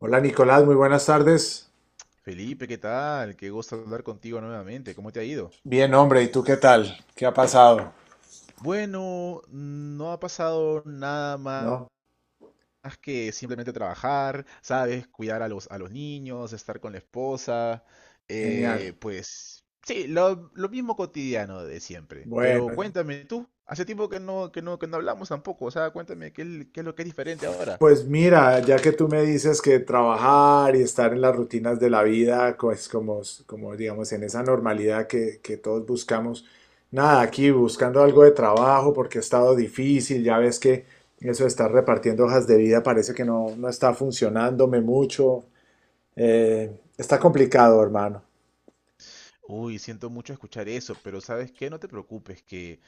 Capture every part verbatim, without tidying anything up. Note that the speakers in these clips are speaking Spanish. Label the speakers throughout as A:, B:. A: Hola Nicolás, muy buenas tardes.
B: Felipe, ¿qué tal? Qué gusto hablar contigo nuevamente. ¿Cómo te ha ido?
A: Bien, hombre, ¿y tú qué tal? ¿Qué ha pasado?
B: Bueno, no ha pasado nada más
A: ¿No?
B: que simplemente trabajar, ¿sabes? Cuidar a los, a los niños, estar con la esposa.
A: Genial.
B: eh, pues sí, lo, lo mismo cotidiano de siempre. Pero
A: Bueno,
B: cuéntame tú, hace tiempo que no, que no, que no hablamos tampoco. O sea, cuéntame qué, es- qué es lo que es diferente ahora.
A: pues mira, ya que tú me dices que trabajar y estar en las rutinas de la vida, pues como, como digamos en esa normalidad que, que todos buscamos, nada, aquí buscando algo de trabajo porque ha estado difícil, ya ves que eso de estar repartiendo hojas de vida parece que no, no está funcionándome mucho. Eh, está complicado, hermano.
B: Uy, siento mucho escuchar eso, pero ¿sabes qué? No te preocupes, que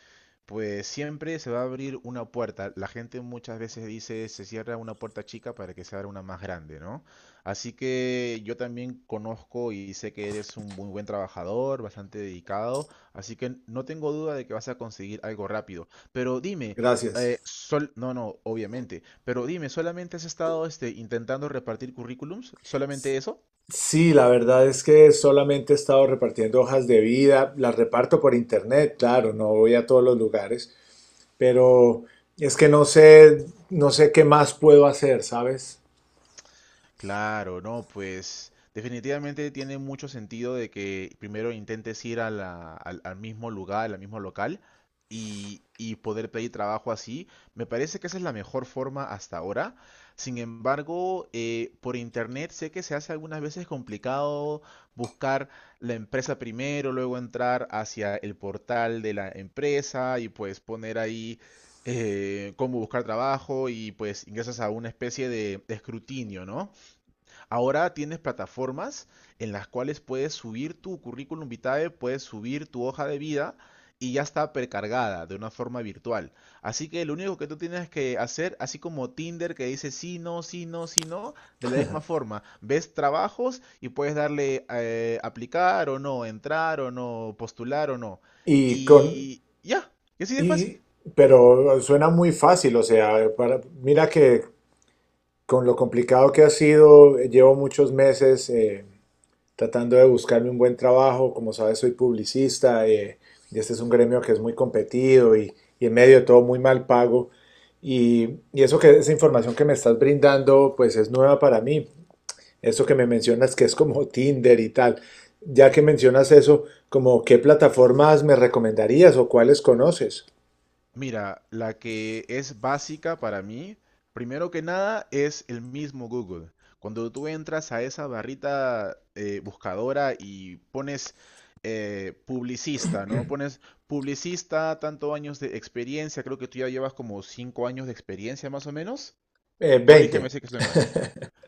B: pues siempre se va a abrir una puerta. La gente muchas veces dice se cierra una puerta chica para que se abra una más grande, ¿no? Así que yo también conozco y sé que eres un muy buen trabajador, bastante dedicado, así que no tengo duda de que vas a conseguir algo rápido. Pero dime, eh,
A: Gracias.
B: sol, no, no, obviamente, pero dime, ¿solamente has estado este, intentando repartir currículums? ¿Solamente eso?
A: Sí, la verdad es que solamente he estado repartiendo hojas de vida, las reparto por internet, claro, no voy a todos los lugares, pero es que no sé, no sé qué más puedo hacer, ¿sabes?
B: Claro, no, pues definitivamente tiene mucho sentido de que primero intentes ir a la- al, al mismo lugar, al mismo local, y, y poder pedir trabajo así. Me parece que esa es la mejor forma hasta ahora. Sin embargo, eh, por internet sé que se hace algunas veces complicado buscar la empresa primero, luego entrar hacia el portal de la empresa y pues poner ahí eh, cómo buscar trabajo, y pues ingresas a una especie de de escrutinio, ¿no? Ahora tienes plataformas en las cuales puedes subir tu currículum vitae, puedes subir tu hoja de vida y ya está precargada de una forma virtual. Así que lo único que tú tienes que hacer, así como Tinder, que dice sí, no, sí, no, sí, no, de la misma forma, ves trabajos y puedes darle eh, aplicar o no, entrar o no, postular o no.
A: Y con,
B: Y ya, y así de fácil.
A: y, pero suena muy fácil, o sea, para mira que con lo complicado que ha sido, llevo muchos meses, eh, tratando de buscarme un buen trabajo. Como sabes, soy publicista eh, y este es un gremio que es muy competido y, y en medio de todo muy mal pago. Y, y eso que esa información que me estás brindando, pues es nueva para mí. Eso que me mencionas que es como Tinder y tal. Ya que mencionas eso, como qué plataformas me recomendarías o cuáles conoces.
B: Mira, la que es básica para mí, primero que nada, es el mismo Google. Cuando tú entras a esa barrita eh, buscadora y pones eh, publicista, ¿no? Pones publicista, tanto años de experiencia, creo que tú ya llevas como cinco años de experiencia más o menos.
A: Eh,
B: Corrígeme
A: veinte,
B: si que estoy mal.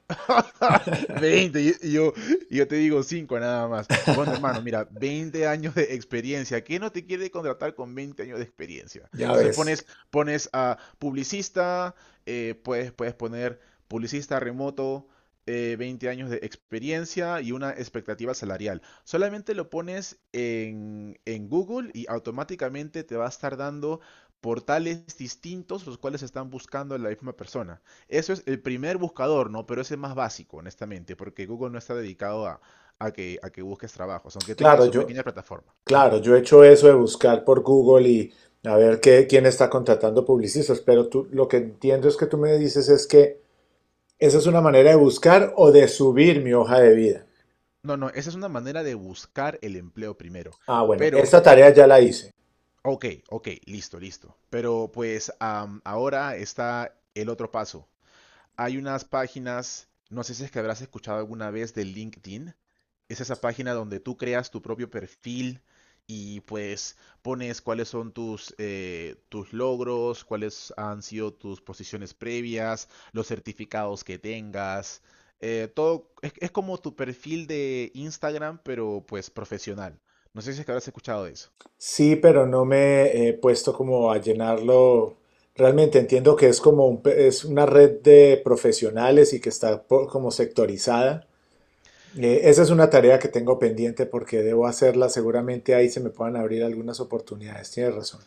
B: veinte. Y y yo, y yo te digo cinco nada más. Bueno, hermano, mira, veinte años de experiencia. ¿Qué no te quiere contratar con veinte años de experiencia?
A: ya
B: Entonces
A: ves.
B: pones, pones, a publicista, eh, puedes, puedes poner publicista remoto, eh, veinte años de experiencia y una expectativa salarial. Solamente lo pones en, en Google y automáticamente te va a estar dando portales distintos los cuales están buscando a la misma persona. Eso es el primer buscador, ¿no? Pero ese es más básico, honestamente, porque Google no está dedicado a, a que, a que busques trabajos, aunque tenga
A: Claro,
B: su
A: yo,
B: pequeña plataforma. ¿M?
A: Claro, yo he hecho eso de buscar por Google y a ver qué, quién está contratando publicistas, pero tú, lo que entiendo es que tú me dices es que esa es una manera de buscar o de subir mi hoja de vida.
B: No, no, esa es una manera de buscar el empleo primero.
A: Ah, bueno,
B: Pero,
A: esta tarea ya la hice.
B: ok, ok, listo, listo. Pero pues am, ahora está el otro paso. Hay unas páginas, no sé si es que habrás escuchado alguna vez de LinkedIn. Es esa página donde tú creas tu propio perfil y pues pones cuáles son tus, eh, tus logros, cuáles han sido tus posiciones previas, los certificados que tengas. eh, todo es, es, como tu perfil de Instagram, pero pues profesional. No sé si es que habrás escuchado de eso.
A: Sí, pero no me he puesto como a llenarlo. Realmente entiendo que es como un pe- es una red de profesionales y que está po- como sectorizada. Eh, esa es una tarea que tengo pendiente porque debo hacerla. Seguramente ahí se me puedan abrir algunas oportunidades. Tienes razón.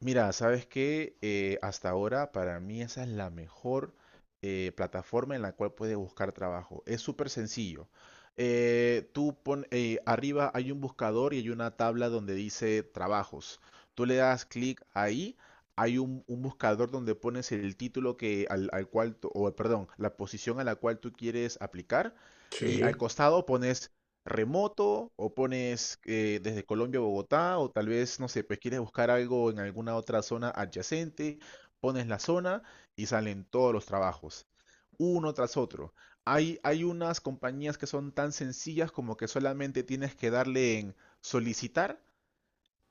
B: Mira, ¿sabes que hasta ahora para mí esa es la mejor eh, plataforma en la cual puedes buscar trabajo? Es súper sencillo. Eh, tú pon, eh, arriba hay un buscador y hay una tabla donde dice trabajos. Tú le das clic ahí, hay un, un buscador donde pones el título, que, al, al cual, tú- o perdón, la posición a la cual tú quieres aplicar, y al
A: Sí.
B: costado pones remoto o pones eh, desde Colombia a Bogotá o tal vez, no sé, pues quieres buscar algo en alguna otra zona adyacente, pones la zona y salen todos los trabajos, uno tras otro. Hay, hay unas compañías que son tan sencillas como que solamente tienes que darle en solicitar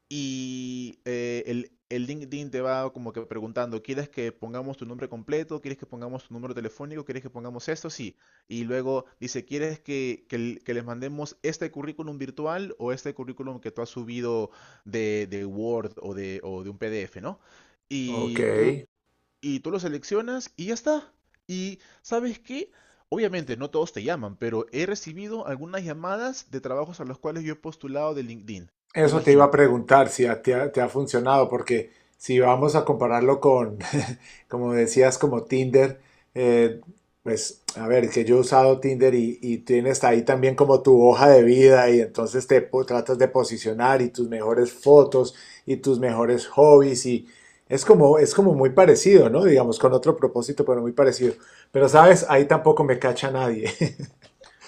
B: y eh, el, el LinkedIn te va como que preguntando: ¿quieres que pongamos tu nombre completo? ¿Quieres que pongamos tu número telefónico? ¿Quieres que pongamos esto? Sí. Y luego dice: ¿quieres que, que l- que les mandemos este currículum virtual o este currículum que tú has subido de, de Word o de, o de un P D F, ¿no?
A: Ok,
B: Y tú, y tú lo seleccionas y ya está. Y ¿sabes qué? Obviamente no todos te llaman, pero he recibido algunas llamadas de trabajos a los cuales yo he postulado de LinkedIn.
A: eso te iba a
B: Imagínate.
A: preguntar si a- te ha, te ha funcionado, porque si vamos a compararlo con, como decías, como Tinder, eh, pues a ver, que yo he usado Tinder y, y tienes ahí también como tu hoja de vida y entonces te po- tratas de posicionar y tus mejores fotos y tus mejores hobbies y es como, es como muy parecido, ¿no? Digamos, con otro propósito, pero muy parecido. Pero sabes, ahí tampoco me cacha nadie.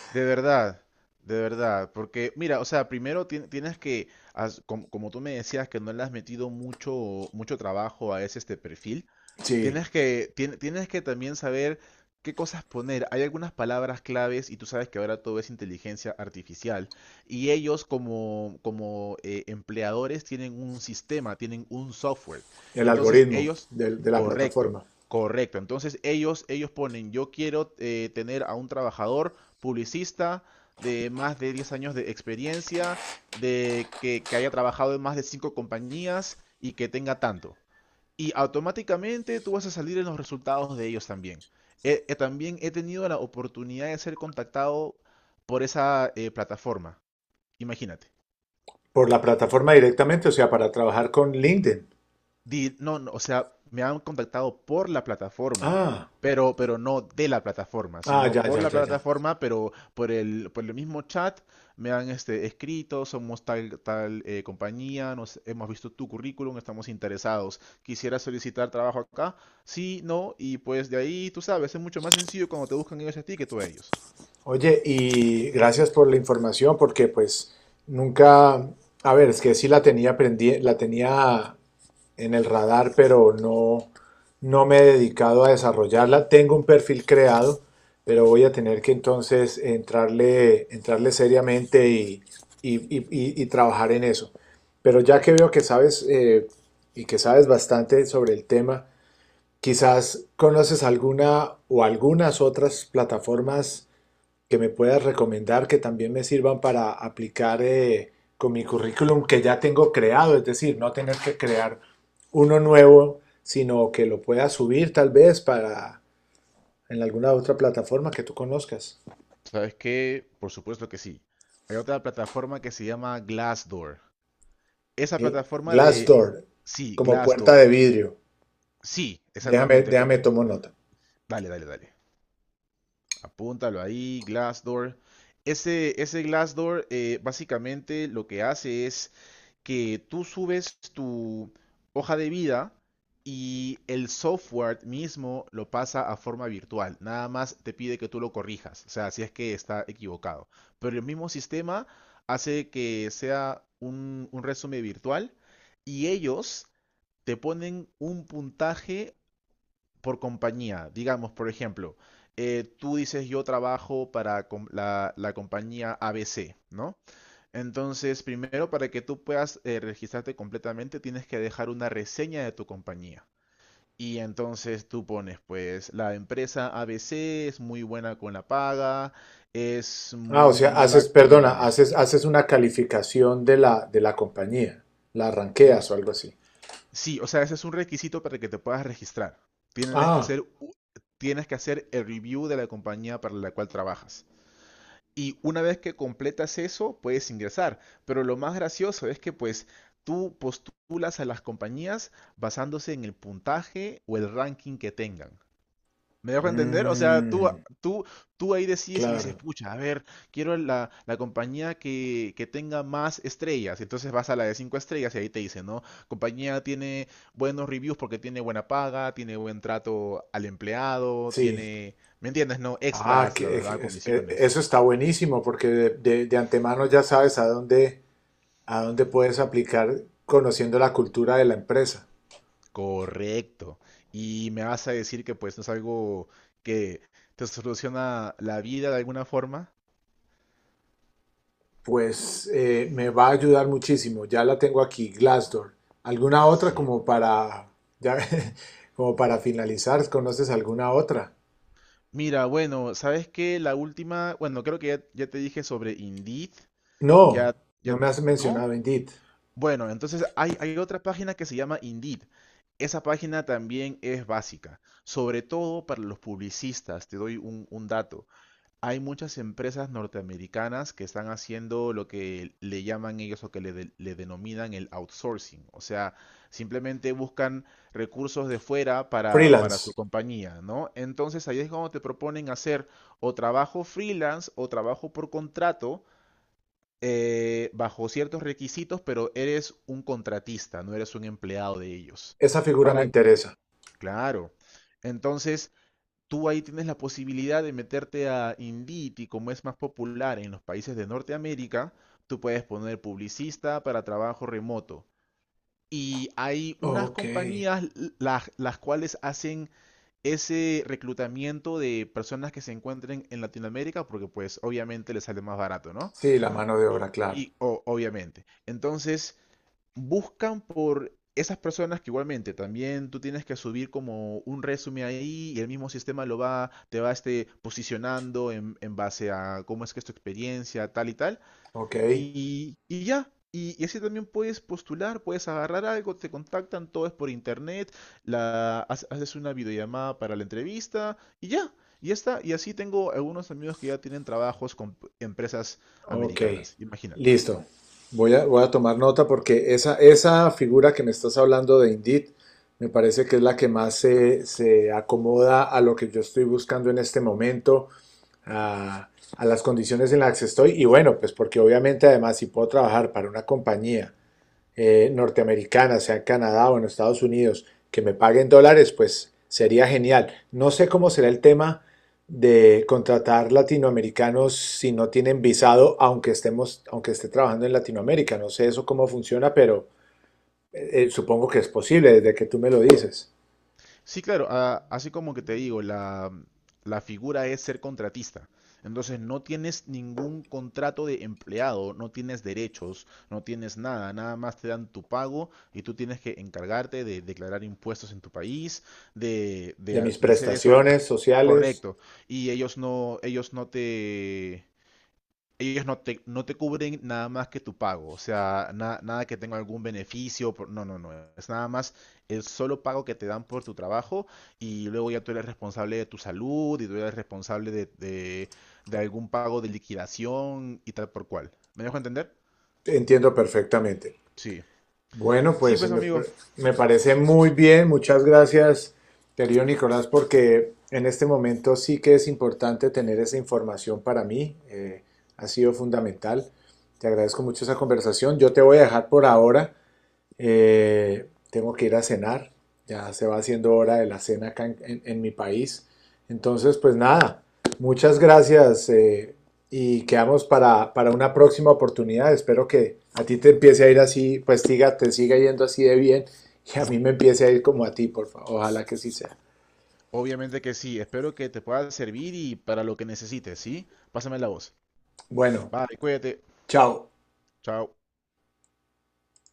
B: De verdad, de verdad, porque mira, o sea, primero tien- tienes que, as- como, como tú me decías, que no le has metido mucho, mucho trabajo a ese este perfil.
A: Sí,
B: Tienes que, tien- tienes que también saber qué cosas poner. Hay algunas palabras claves y tú sabes que ahora todo es inteligencia artificial. Y ellos, como, como eh, empleadores, tienen un sistema, tienen un software.
A: el
B: Entonces
A: algoritmo
B: ellos,
A: del- de la
B: correcto,
A: plataforma.
B: correcto. Entonces ellos, ellos, ponen: yo quiero eh, tener a un trabajador publicista de más de diez años de experiencia, de que, que haya trabajado en más de cinco compañías y que tenga tanto, y automáticamente tú vas a salir en los resultados de ellos también. Eh, eh, también he tenido la oportunidad de ser contactado por esa eh, plataforma. Imagínate.
A: Por la plataforma directamente, o sea, para trabajar con LinkedIn.
B: di- no, no, o sea, me han contactado por la plataforma,
A: Ah,
B: pero, pero no de la plataforma,
A: ah,
B: sino
A: ya,
B: por
A: ya,
B: la
A: ya, ya.
B: plataforma, pero por el, por el mismo chat me han este, escrito: somos tal, tal eh, compañía, nos, hemos visto tu currículum, estamos interesados, quisiera solicitar trabajo acá, sí, no. Y pues de ahí, tú sabes, es mucho más sencillo cuando te buscan ellos a ti que tú a ellos.
A: Oye, y gracias por la información, porque pues nunca, a ver, es que sí la tenía prendi- la tenía en el radar, pero no, no me he dedicado a desarrollarla. Tengo un perfil creado, pero voy a tener que entonces entrarle, entrarle seriamente y, y- y- y- y trabajar en eso. Pero ya que veo que sabes eh, y que sabes bastante sobre el tema, quizás conoces alguna o algunas otras plataformas que me puedas recomendar que también me sirvan para aplicar eh, con mi currículum que ya tengo creado, es decir, no tener que crear uno nuevo, sino que lo pueda subir tal vez para en alguna otra plataforma que tú conozcas.
B: ¿Sabes qué? Por supuesto que sí. Hay otra plataforma que se llama Glassdoor. Esa
A: Gl-
B: plataforma de...
A: Glassdoor,
B: Sí,
A: como puerta
B: Glassdoor.
A: de vidrio.
B: Sí,
A: Déjame,
B: exactamente. co-
A: déjame tomo nota.
B: Dale, dale, dale. Apúntalo ahí, Glassdoor. Ese, ese Glassdoor, eh, básicamente lo que hace es que tú subes tu hoja de vida y el software mismo lo pasa a forma virtual. Nada más te pide que tú lo corrijas, o sea, si es que está equivocado. Pero el mismo sistema hace que sea un, un resumen virtual, y ellos te ponen un puntaje por compañía. Digamos, por ejemplo, eh, tú dices yo trabajo para com- la, la compañía A B C, ¿no? Entonces, primero, para que tú puedas eh, registrarte completamente, tienes que dejar una reseña de tu compañía. Y entonces tú pones, pues, la empresa A B C es muy buena con la paga, es
A: Ah, o
B: muy
A: sea,
B: mala
A: haces,
B: con el
A: perdona,
B: manejo.
A: haces, haces una calificación de la, de la compañía, la
B: Mm.
A: ranqueas o
B: s-
A: algo así.
B: Sí, o sea, ese es un requisito para que te puedas registrar. Tienes que
A: Ah,
B: hacer, u- tienes que hacer el review de la compañía para la cual trabajas. Y una vez que completas eso, puedes ingresar. Pero lo más gracioso es que pues tú postulas a las compañías basándose en el puntaje o el ranking que tengan. ¿Me dejo entender? O sea, tú,
A: mm,
B: tú, tú ahí decides y dices:
A: claro,
B: pucha, a ver, quiero la, la, compañía que, que tenga más estrellas. Entonces vas a la de cinco estrellas y ahí te dice, ¿no? Compañía tiene buenos reviews porque tiene buena paga, tiene buen trato al empleado,
A: sí.
B: tiene, ¿me entiendes? No,
A: Ah,
B: extras, la
A: que, es-
B: verdad,
A: es- e- e,
B: comisiones.
A: Eso está buenísimo porque de, de- de antemano ya sabes a dónde, a dónde puedes aplicar conociendo la cultura de la empresa.
B: Correcto. Y me vas a decir que pues no es algo que te soluciona la vida de alguna forma.
A: Pues eh, me va a ayudar muchísimo. Ya la tengo aquí, Glassdoor. ¿Alguna otra
B: Sí.
A: como para, ya, como para finalizar? ¿Conoces alguna otra?
B: Mira, bueno, ¿sabes qué? La última, bueno, creo que ya, ya te dije sobre Indeed. Ya,
A: No, no
B: ya,
A: me has
B: ¿no?
A: mencionado Indeed.
B: Bueno, entonces hay, hay otra página que se llama Indeed. Esa página también es básica, sobre todo para los publicistas. Te doy un, un, dato. Hay muchas empresas norteamericanas que están haciendo lo que le llaman ellos, o que le, de- le denominan, el outsourcing. O sea, simplemente buscan recursos de fuera para, para su
A: Freelance.
B: compañía, ¿no? Entonces ahí es cuando te proponen hacer o trabajo freelance o trabajo por contrato, eh, bajo ciertos requisitos, pero eres un contratista, no eres un empleado de ellos.
A: Esa figura me
B: Para,
A: interesa.
B: claro. Entonces, tú ahí tienes la posibilidad de meterte a Indeed y, como es más popular en los países de Norteamérica, tú puedes poner publicista para trabajo remoto. Y hay unas
A: Ok.
B: compañías la- las, cuales hacen ese reclutamiento de personas que se encuentren en Latinoamérica porque pues obviamente les sale más barato, ¿no?
A: Sí, la mano de obra, claro.
B: Y o- obviamente. Entonces, buscan por esas personas, que igualmente también tú tienes que subir como un resumen ahí y el mismo sistema lo va, te va este, posicionando en, en base a cómo es que es tu experiencia, tal y tal.
A: Ok,
B: Y, y ya. Y, y así también puedes postular, puedes agarrar algo, te contactan, todo es por internet, la, ha- haces una videollamada para la entrevista y ya, y ya está. Y así tengo algunos amigos que ya tienen trabajos con p- empresas
A: ok,
B: americanas, imagínate.
A: listo. Voy a, voy a tomar nota porque esa, esa figura que me estás hablando de Indeed me parece que es la que más se, se acomoda a lo que yo estoy buscando en este momento, a, a las condiciones en las que estoy. Y bueno, pues porque obviamente además si puedo trabajar para una compañía eh, norteamericana, sea en Canadá o en Estados Unidos, que me paguen dólares, pues sería genial. No sé cómo será el tema de contratar latinoamericanos si no tienen visado, aunque estemos, aunque esté trabajando en Latinoamérica. No sé eso cómo funciona, pero eh, eh, supongo que es posible desde que tú me lo dices.
B: Sí, claro, a- así como que te digo, la, la, figura es ser contratista. Entonces no tienes ningún contrato de empleado, no tienes derechos, no tienes nada, nada más te dan tu pago y tú tienes que encargarte de declarar impuestos en tu país, de, de
A: De
B: ha-
A: mis
B: de hacer eso.
A: prestaciones sociales,
B: Correcto. Y ellos no, ellos no te, ellos no te, no te cubren nada más que tu pago, o sea, na- nada que tenga algún beneficio, por- no, no, no, es nada más el solo pago que te dan por tu trabajo, y luego ya tú eres responsable de tu salud y tú eres responsable de, de, de, algún pago de liquidación y tal por cual. ¿Me dejo entender?
A: entiendo perfectamente.
B: Sí.
A: Bueno,
B: Sí,
A: pues
B: pues
A: me,
B: amigo,
A: me parece muy bien. Muchas gracias, querido Nicolás, porque en este momento sí que es importante tener esa información para mí. Eh, ha sido fundamental. Te agradezco mucho esa conversación. Yo te voy a dejar por ahora. Eh, tengo que ir a cenar, ya se va haciendo hora de la cena acá en, en- en mi país. Entonces, pues nada, muchas gracias eh, y quedamos para, para una próxima oportunidad. Espero que a ti te empiece a ir así, pues tiga te siga yendo así de bien y a mí me empiece a ir como a ti, por favor. Ojalá que sí sea.
B: obviamente que sí, espero que te pueda servir, y para lo que necesites, ¿sí? Pásame la voz.
A: Bueno,
B: Bye, cuídate,
A: chao.
B: chao.